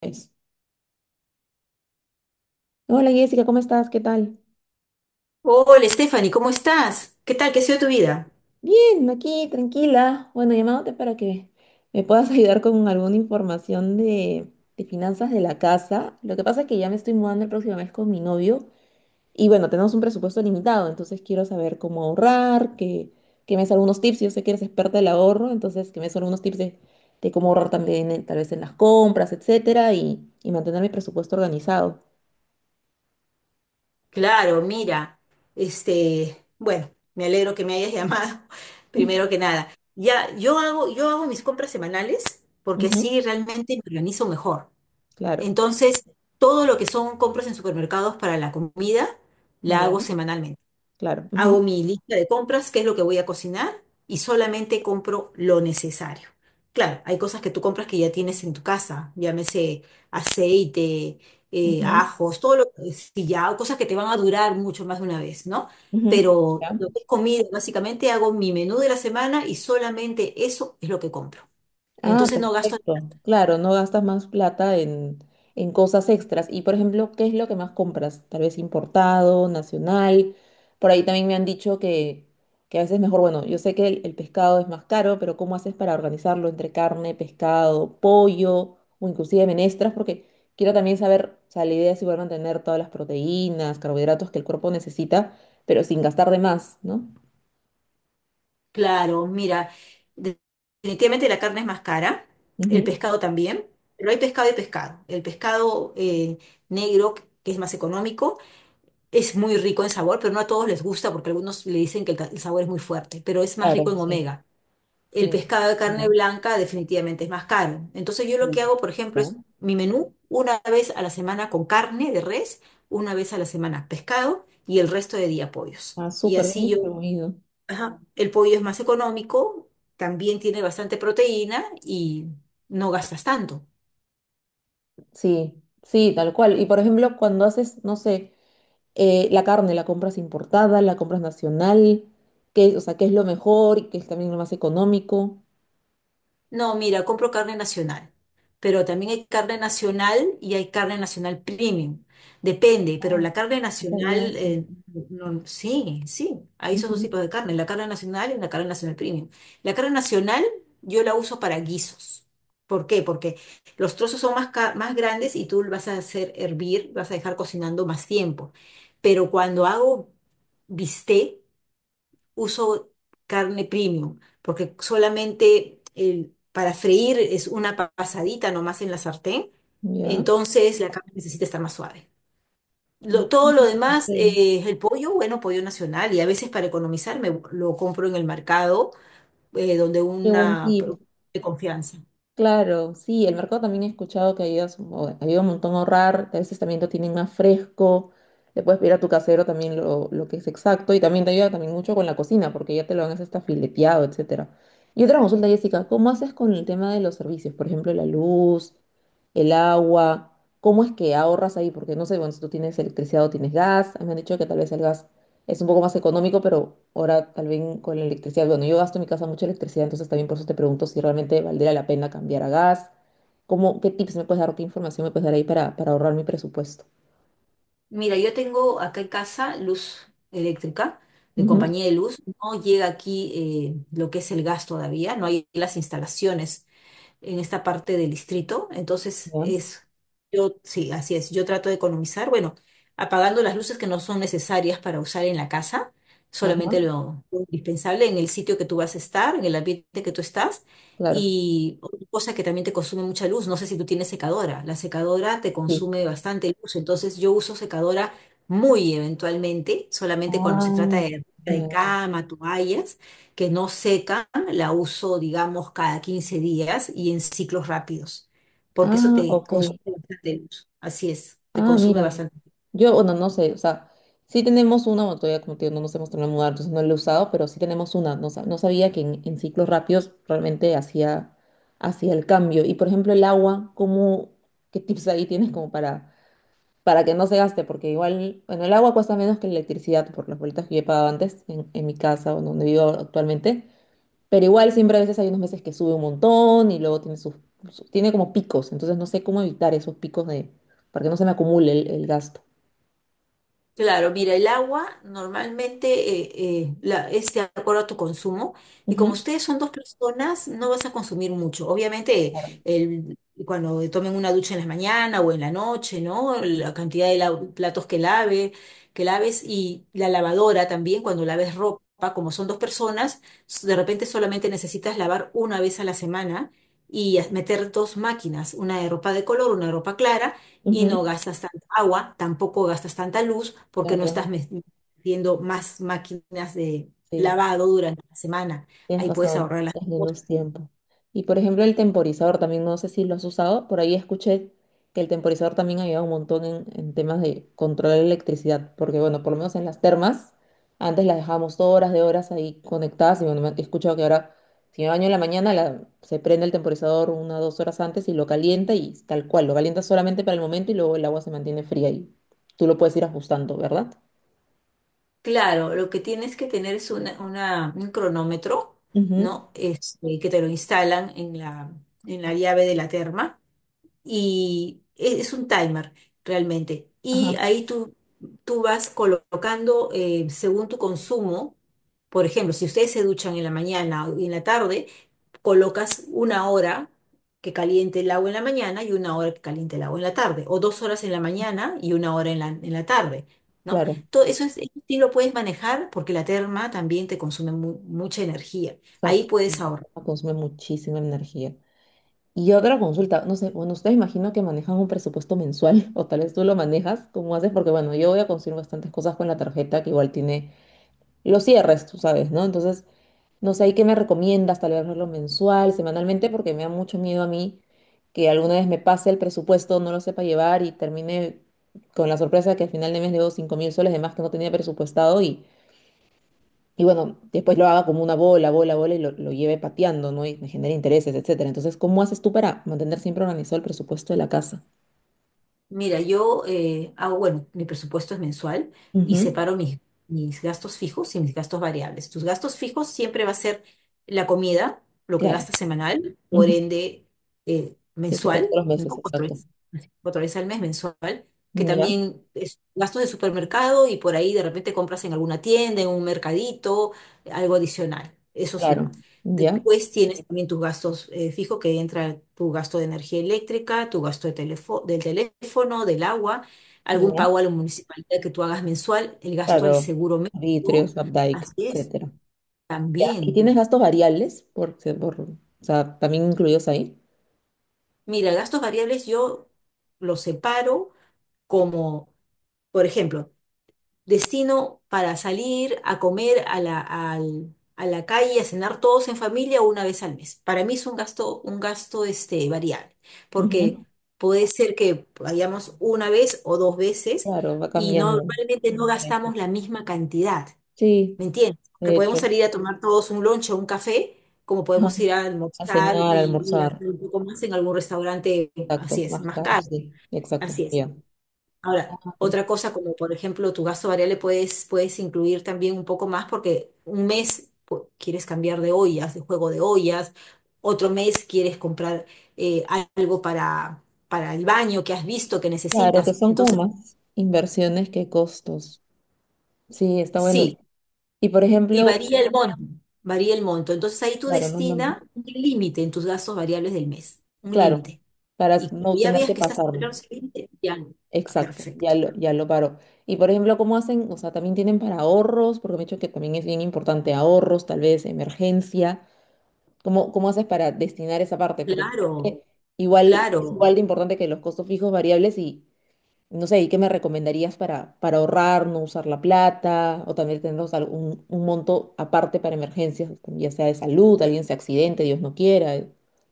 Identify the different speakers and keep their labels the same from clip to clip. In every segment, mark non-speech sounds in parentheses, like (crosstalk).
Speaker 1: Eso. Hola, Jessica, ¿cómo estás? ¿Qué tal?
Speaker 2: Hola, Stephanie, ¿cómo estás? ¿Qué tal? ¿Qué ha sido tu vida?
Speaker 1: Bien, aquí tranquila. Bueno, llamándote para que me puedas (laughs) ayudar con alguna información de finanzas de la casa. Lo que pasa es que ya me estoy mudando el próximo mes con mi novio y bueno, tenemos un presupuesto limitado, entonces quiero saber cómo ahorrar, que me des algunos tips. Yo sé que eres experta del ahorro, entonces que me des algunos tips de cómo ahorrar también, tal vez en las compras, etcétera, y mantener mi presupuesto organizado.
Speaker 2: Claro, mira, bueno, me alegro que me hayas llamado, (laughs) primero que nada. Ya, yo hago mis compras semanales porque
Speaker 1: Ujú,
Speaker 2: así realmente me organizo mejor.
Speaker 1: claro,
Speaker 2: Entonces, todo lo que son compras en supermercados para la comida, la
Speaker 1: ya,
Speaker 2: hago semanalmente.
Speaker 1: claro.
Speaker 2: Hago
Speaker 1: Ujú,
Speaker 2: mi lista de compras, qué es lo que voy a cocinar y solamente compro lo necesario. Claro, hay cosas que tú compras que ya tienes en tu casa, llámese aceite,
Speaker 1: ujú.
Speaker 2: ajos, todo lo que si ya, cosas que te van a durar mucho más de una vez, ¿no?
Speaker 1: Ujú.
Speaker 2: Pero
Speaker 1: ¿Ya?
Speaker 2: lo que es comida, básicamente hago mi menú de la semana y solamente eso es lo que compro.
Speaker 1: Ah,
Speaker 2: Entonces no gasto.
Speaker 1: perfecto. Claro, no gastas más plata en cosas extras. Y por ejemplo, ¿qué es lo que más compras? Tal vez importado, nacional. Por ahí también me han dicho que a veces mejor, bueno, yo sé que el pescado es más caro, pero ¿cómo haces para organizarlo entre carne, pescado, pollo o inclusive menestras? Porque quiero también saber, o sea, la idea es igual mantener todas las proteínas, carbohidratos que el cuerpo necesita, pero sin gastar de más, ¿no?
Speaker 2: Claro, mira, de- definitivamente la carne es más cara, el
Speaker 1: Ujú.
Speaker 2: pescado también, pero hay pescado y pescado. El pescado negro, que es más económico, es muy rico en sabor, pero no a todos les gusta porque algunos le dicen que el sabor es muy fuerte, pero es más rico
Speaker 1: Claro,
Speaker 2: en
Speaker 1: sí.
Speaker 2: omega. El pescado de carne
Speaker 1: Dime.
Speaker 2: blanca definitivamente es más caro. Entonces yo lo
Speaker 1: Mm.
Speaker 2: que hago, por ejemplo,
Speaker 1: Ya.
Speaker 2: es mi menú una vez a la semana con carne de res, una vez a la semana pescado y el resto de día pollos.
Speaker 1: Ah,
Speaker 2: Y
Speaker 1: súper
Speaker 2: así
Speaker 1: bien
Speaker 2: yo.
Speaker 1: distribuido.
Speaker 2: Ajá, el pollo es más económico, también tiene bastante proteína y no gastas tanto.
Speaker 1: Sí, sí, tal cual. Y por ejemplo, cuando haces, no sé, la carne, la compras importada, la compras nacional, qué, o sea, qué es lo mejor y qué es también lo más económico.
Speaker 2: No, mira, compro carne nacional, pero también hay carne nacional y hay carne nacional premium. Depende, pero
Speaker 1: Ah,
Speaker 2: la carne
Speaker 1: no sabía
Speaker 2: nacional,
Speaker 1: eso.
Speaker 2: no, sí, sí, hay esos dos
Speaker 1: Ujú.
Speaker 2: tipos de carne, la carne nacional y la carne nacional premium. La carne nacional yo la uso para guisos. ¿Por qué? Porque los trozos son más, más grandes y tú lo vas a hacer hervir, vas a dejar cocinando más tiempo. Pero cuando hago bistec, uso carne premium, porque solamente para freír es una pasadita nomás en la sartén,
Speaker 1: Ya.
Speaker 2: entonces la carne necesita estar más suave.
Speaker 1: Ah,
Speaker 2: Todo lo
Speaker 1: ok.
Speaker 2: demás, el pollo, bueno, pollo nacional, y a veces para economizar me lo compro en el mercado, donde
Speaker 1: Qué buen
Speaker 2: una
Speaker 1: tip.
Speaker 2: de confianza.
Speaker 1: Claro, sí, el mercado también he escuchado que ayuda, ayuda un montón a ahorrar, que a veces también lo tienen más fresco, le puedes pedir a tu casero también lo que es exacto y también te ayuda también mucho con la cocina porque ya te lo dan hasta fileteado, etcétera. Y otra consulta, Jessica, ¿cómo haces con el tema de los servicios? Por ejemplo, la luz, el agua, ¿cómo es que ahorras ahí? Porque no sé, bueno, si tú tienes electricidad o tienes gas, me han dicho que tal vez el gas es un poco más económico, pero ahora tal vez con la electricidad. Bueno, yo gasto en mi casa mucha electricidad, entonces también por eso te pregunto si realmente valdría la pena cambiar a gas. ¿Cómo, qué tips me puedes dar o qué información me puedes dar ahí para ahorrar mi presupuesto?
Speaker 2: Mira, yo tengo acá en casa luz eléctrica de
Speaker 1: Ujú.
Speaker 2: compañía de luz. No llega aquí, lo que es el gas todavía, no hay las instalaciones en esta parte del distrito. Entonces, es, yo, sí, así es. Yo trato de economizar, bueno, apagando las luces que no son necesarias para usar en la casa,
Speaker 1: Ya,
Speaker 2: solamente
Speaker 1: ajá,
Speaker 2: lo indispensable en el sitio que tú vas a estar, en el ambiente que tú estás.
Speaker 1: claro.
Speaker 2: Y otra cosa que también te consume mucha luz. No sé si tú tienes secadora, la secadora te
Speaker 1: Sí.
Speaker 2: consume bastante luz, entonces yo uso secadora muy eventualmente, solamente cuando se trata
Speaker 1: Ah,
Speaker 2: de
Speaker 1: ya.
Speaker 2: cama, toallas, que no seca, la uso, digamos, cada 15 días y en ciclos rápidos, porque eso
Speaker 1: Ah,
Speaker 2: te
Speaker 1: ok.
Speaker 2: consume bastante luz. Así es, te
Speaker 1: Ah, mira.
Speaker 2: consume bastante.
Speaker 1: Yo, bueno, no sé, o sea, sí tenemos una, bueno, todavía como te digo, no nos hemos terminado de mudar, entonces no la he usado, pero sí tenemos una. No, no sabía que en ciclos rápidos realmente hacía el cambio. Y por ejemplo, el agua, ¿cómo, qué tips ahí tienes como para que no se gaste? Porque igual, bueno, el agua cuesta menos que la electricidad por las vueltas que yo he pagado antes en mi casa o donde vivo actualmente. Pero igual siempre a veces hay unos meses que sube un montón y luego tiene tiene como picos, entonces no sé cómo evitar esos picos para que no se me acumule el gasto.
Speaker 2: Claro, mira, el agua normalmente es de acuerdo a tu consumo y como
Speaker 1: Ujú.
Speaker 2: ustedes son dos personas, no vas a consumir mucho. Obviamente,
Speaker 1: Claro.
Speaker 2: el- cuando tomen una ducha en la mañana o en la noche, ¿no? La cantidad de platos que que laves y la lavadora también, cuando laves ropa, como son dos personas, de repente solamente necesitas lavar una vez a la semana y meter dos máquinas, una de ropa de color, una de ropa clara y
Speaker 1: Ujú.
Speaker 2: no gastas tanta agua, tampoco gastas tanta luz porque no estás
Speaker 1: Claro,
Speaker 2: metiendo más máquinas de
Speaker 1: sí.
Speaker 2: lavado durante la semana.
Speaker 1: Tienes
Speaker 2: Ahí puedes
Speaker 1: razón,
Speaker 2: ahorrar las
Speaker 1: es
Speaker 2: cosas.
Speaker 1: menos tiempo. Y por ejemplo, el temporizador también, no sé si lo has usado, por ahí escuché que el temporizador también ayuda un montón en temas de controlar la electricidad, porque bueno, por lo menos en las termas, antes las dejábamos horas de horas ahí conectadas y bueno, he escuchado que ahora, si me baño en la mañana, se prende el temporizador una o 2 horas antes y lo calienta y tal cual, lo calienta solamente para el momento y luego el agua se mantiene fría y tú lo puedes ir ajustando, ¿verdad?
Speaker 2: Claro, lo que tienes que tener es un cronómetro,
Speaker 1: Ujú.
Speaker 2: ¿no? Que te lo instalan en la llave de la terma y es un timer realmente. Y
Speaker 1: Ajá,
Speaker 2: ahí tú vas colocando según tu consumo. Por ejemplo, si ustedes se duchan en la mañana y en la tarde, colocas una hora que caliente el agua en la mañana y una hora que caliente el agua en la tarde, o 2 horas en la mañana y una hora en la tarde, ¿no?
Speaker 1: claro.
Speaker 2: Todo eso es, eso sí lo puedes manejar porque la terma también te consume mucha energía. Ahí
Speaker 1: Exacto,
Speaker 2: puedes ahorrar.
Speaker 1: consume muchísima energía. Y otra consulta, no sé, bueno, ustedes imagino que manejan un presupuesto mensual, (laughs) o tal vez tú lo manejas, ¿cómo haces? Porque bueno, yo voy a consumir bastantes cosas con la tarjeta que igual tiene los cierres, tú sabes, ¿no? Entonces, no sé, ¿y qué me recomiendas? Tal vez hacerlo mensual, semanalmente, porque me da mucho miedo a mí que alguna vez me pase el presupuesto, no lo sepa llevar y termine con la sorpresa de que al final de mes debo 5000 soles de más que no tenía presupuestado y bueno, después lo haga como una bola, bola, bola y lo lleve pateando, ¿no? Y me genera intereses, etcétera. Entonces, ¿cómo haces tú para mantener siempre organizado el presupuesto de la casa?
Speaker 2: Mira, yo hago, bueno, mi presupuesto es mensual y
Speaker 1: Ujú,
Speaker 2: separo mis gastos fijos y mis gastos variables. Tus gastos fijos siempre va a ser la comida, lo que
Speaker 1: claro.
Speaker 2: gastas semanal, por
Speaker 1: Ujú,
Speaker 2: ende
Speaker 1: que siempre
Speaker 2: mensual,
Speaker 1: todos los
Speaker 2: ¿no?
Speaker 1: meses,
Speaker 2: Cuatro
Speaker 1: exacto.
Speaker 2: veces, cuatro veces al mes mensual, que
Speaker 1: Ya,
Speaker 2: también es gastos de supermercado y por ahí de repente compras en alguna tienda, en un mercadito, algo adicional. Eso suma.
Speaker 1: claro. Ya,
Speaker 2: Después tienes también tus gastos fijos, que entra tu gasto de energía eléctrica, tu gasto del teléfono, del agua, algún
Speaker 1: ya,
Speaker 2: pago a la municipalidad que tú hagas mensual, el gasto del
Speaker 1: claro.
Speaker 2: seguro médico.
Speaker 1: Arbitrios, Updike,
Speaker 2: Así es,
Speaker 1: etcétera. Ya. ¿Y
Speaker 2: también.
Speaker 1: tienes gastos variables? O sea, también incluidos ahí.
Speaker 2: Mira, gastos variables yo los separo como, por ejemplo, destino para salir a comer a la calle, a cenar todos en familia una vez al mes. Para mí es un gasto variable,
Speaker 1: Ujú,
Speaker 2: porque puede ser que vayamos una vez o dos veces
Speaker 1: claro, va
Speaker 2: y
Speaker 1: cambiando.
Speaker 2: normalmente no gastamos la misma cantidad,
Speaker 1: Sí,
Speaker 2: ¿me entiendes? Que
Speaker 1: de
Speaker 2: podemos
Speaker 1: hecho.
Speaker 2: salir a tomar todos un lunch o un café, como
Speaker 1: Ajá.
Speaker 2: podemos ir a
Speaker 1: A
Speaker 2: almorzar
Speaker 1: cenar, a
Speaker 2: y
Speaker 1: almorzar.
Speaker 2: hacer un poco más en algún restaurante,
Speaker 1: Exacto,
Speaker 2: así es,
Speaker 1: más
Speaker 2: más
Speaker 1: caras,
Speaker 2: caro,
Speaker 1: sí, exacto,
Speaker 2: así es.
Speaker 1: ya.
Speaker 2: Ahora,
Speaker 1: Ah,
Speaker 2: otra
Speaker 1: perfecto.
Speaker 2: cosa como por ejemplo tu gasto variable puedes incluir también un poco más porque un mes quieres cambiar de ollas, de juego de ollas, otro mes quieres comprar eh, algo para el baño que has visto que
Speaker 1: Claro, que
Speaker 2: necesitas.
Speaker 1: son como
Speaker 2: Entonces,
Speaker 1: más inversiones que costos. Sí, está bueno.
Speaker 2: sí,
Speaker 1: Y por
Speaker 2: y
Speaker 1: ejemplo,
Speaker 2: varía el monto, varía el monto. Entonces ahí tú
Speaker 1: claro, no es lo-
Speaker 2: destina un límite en tus gastos variables del mes, un
Speaker 1: claro,
Speaker 2: límite.
Speaker 1: para
Speaker 2: Y cuando
Speaker 1: no
Speaker 2: ya
Speaker 1: tener
Speaker 2: veas
Speaker 1: que
Speaker 2: que estás cerca
Speaker 1: pasarme.
Speaker 2: de ese límite, ya, no. Ah,
Speaker 1: Exacto,
Speaker 2: perfecto.
Speaker 1: ya lo paro. Y por ejemplo, ¿cómo hacen? O sea, también tienen para ahorros, porque me he dicho que también es bien importante ahorros, tal vez emergencia. ¿ cómo haces para destinar esa parte? Porque creo
Speaker 2: Claro,
Speaker 1: que igual es
Speaker 2: claro.
Speaker 1: igual de importante que los costos fijos variables y no sé, ¿y qué me recomendarías para ahorrar, no usar la plata o también tener un monto aparte para emergencias, ya sea de salud, alguien se accidente, Dios no quiera,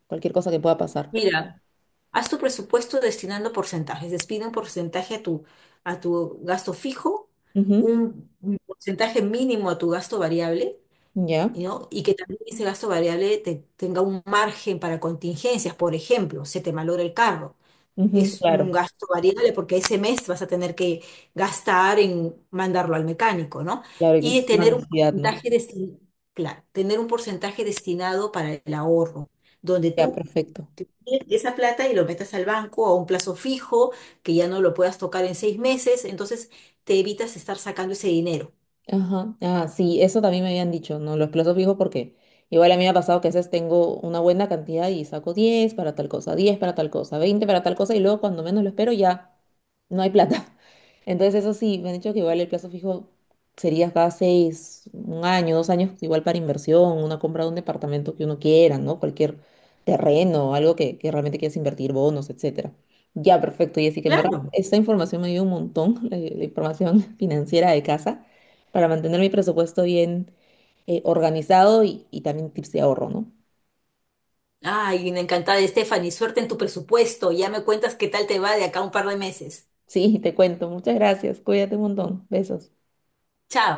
Speaker 1: cualquier cosa que pueda pasar?
Speaker 2: Mira. Haz tu presupuesto destinando porcentajes. Despide un porcentaje a tu gasto fijo,
Speaker 1: Ujú.
Speaker 2: un porcentaje mínimo a tu gasto variable,
Speaker 1: Ya,
Speaker 2: ¿no? Y que también ese gasto variable tenga un margen para contingencias. Por ejemplo, se te malora el carro,
Speaker 1: ujú,
Speaker 2: es un
Speaker 1: claro.
Speaker 2: gasto variable porque ese mes vas a tener que gastar en mandarlo al mecánico, ¿no?
Speaker 1: Claro que sí,
Speaker 2: Y
Speaker 1: es una
Speaker 2: tener un
Speaker 1: necesidad, ¿no?
Speaker 2: porcentaje destinado, claro, tener un porcentaje destinado para el ahorro, donde
Speaker 1: Ya,
Speaker 2: tú
Speaker 1: perfecto.
Speaker 2: te pides esa plata y lo metas al banco a un plazo fijo, que ya no lo puedas tocar en 6 meses, entonces te evitas estar sacando ese dinero.
Speaker 1: Ajá, ah, sí, eso también me habían dicho, ¿no? Los plazos fijos, porque igual a mí me ha pasado que a veces tengo una buena cantidad y saco 10 para tal cosa, 10 para tal cosa, 20 para tal cosa y luego cuando menos lo espero ya no hay plata. (laughs) Entonces eso sí, me han dicho que igual el plazo fijo sería cada 6, un año, 2 años, igual para inversión, una compra de un departamento que uno quiera, ¿no? Cualquier terreno, algo que realmente quieras invertir, bonos, etcétera. Ya, perfecto, y así que en verdad
Speaker 2: Claro.
Speaker 1: esta información me dio un montón, (laughs) la información (laughs) financiera de casa para mantener mi presupuesto bien, organizado, y también tips de ahorro, ¿no?
Speaker 2: Ay, encantada, Stephanie. Suerte en tu presupuesto. Ya me cuentas qué tal te va de acá a un par de meses.
Speaker 1: Sí, (laughs) te cuento. Muchas gracias. Cuídate un montón. Besos.
Speaker 2: Chao.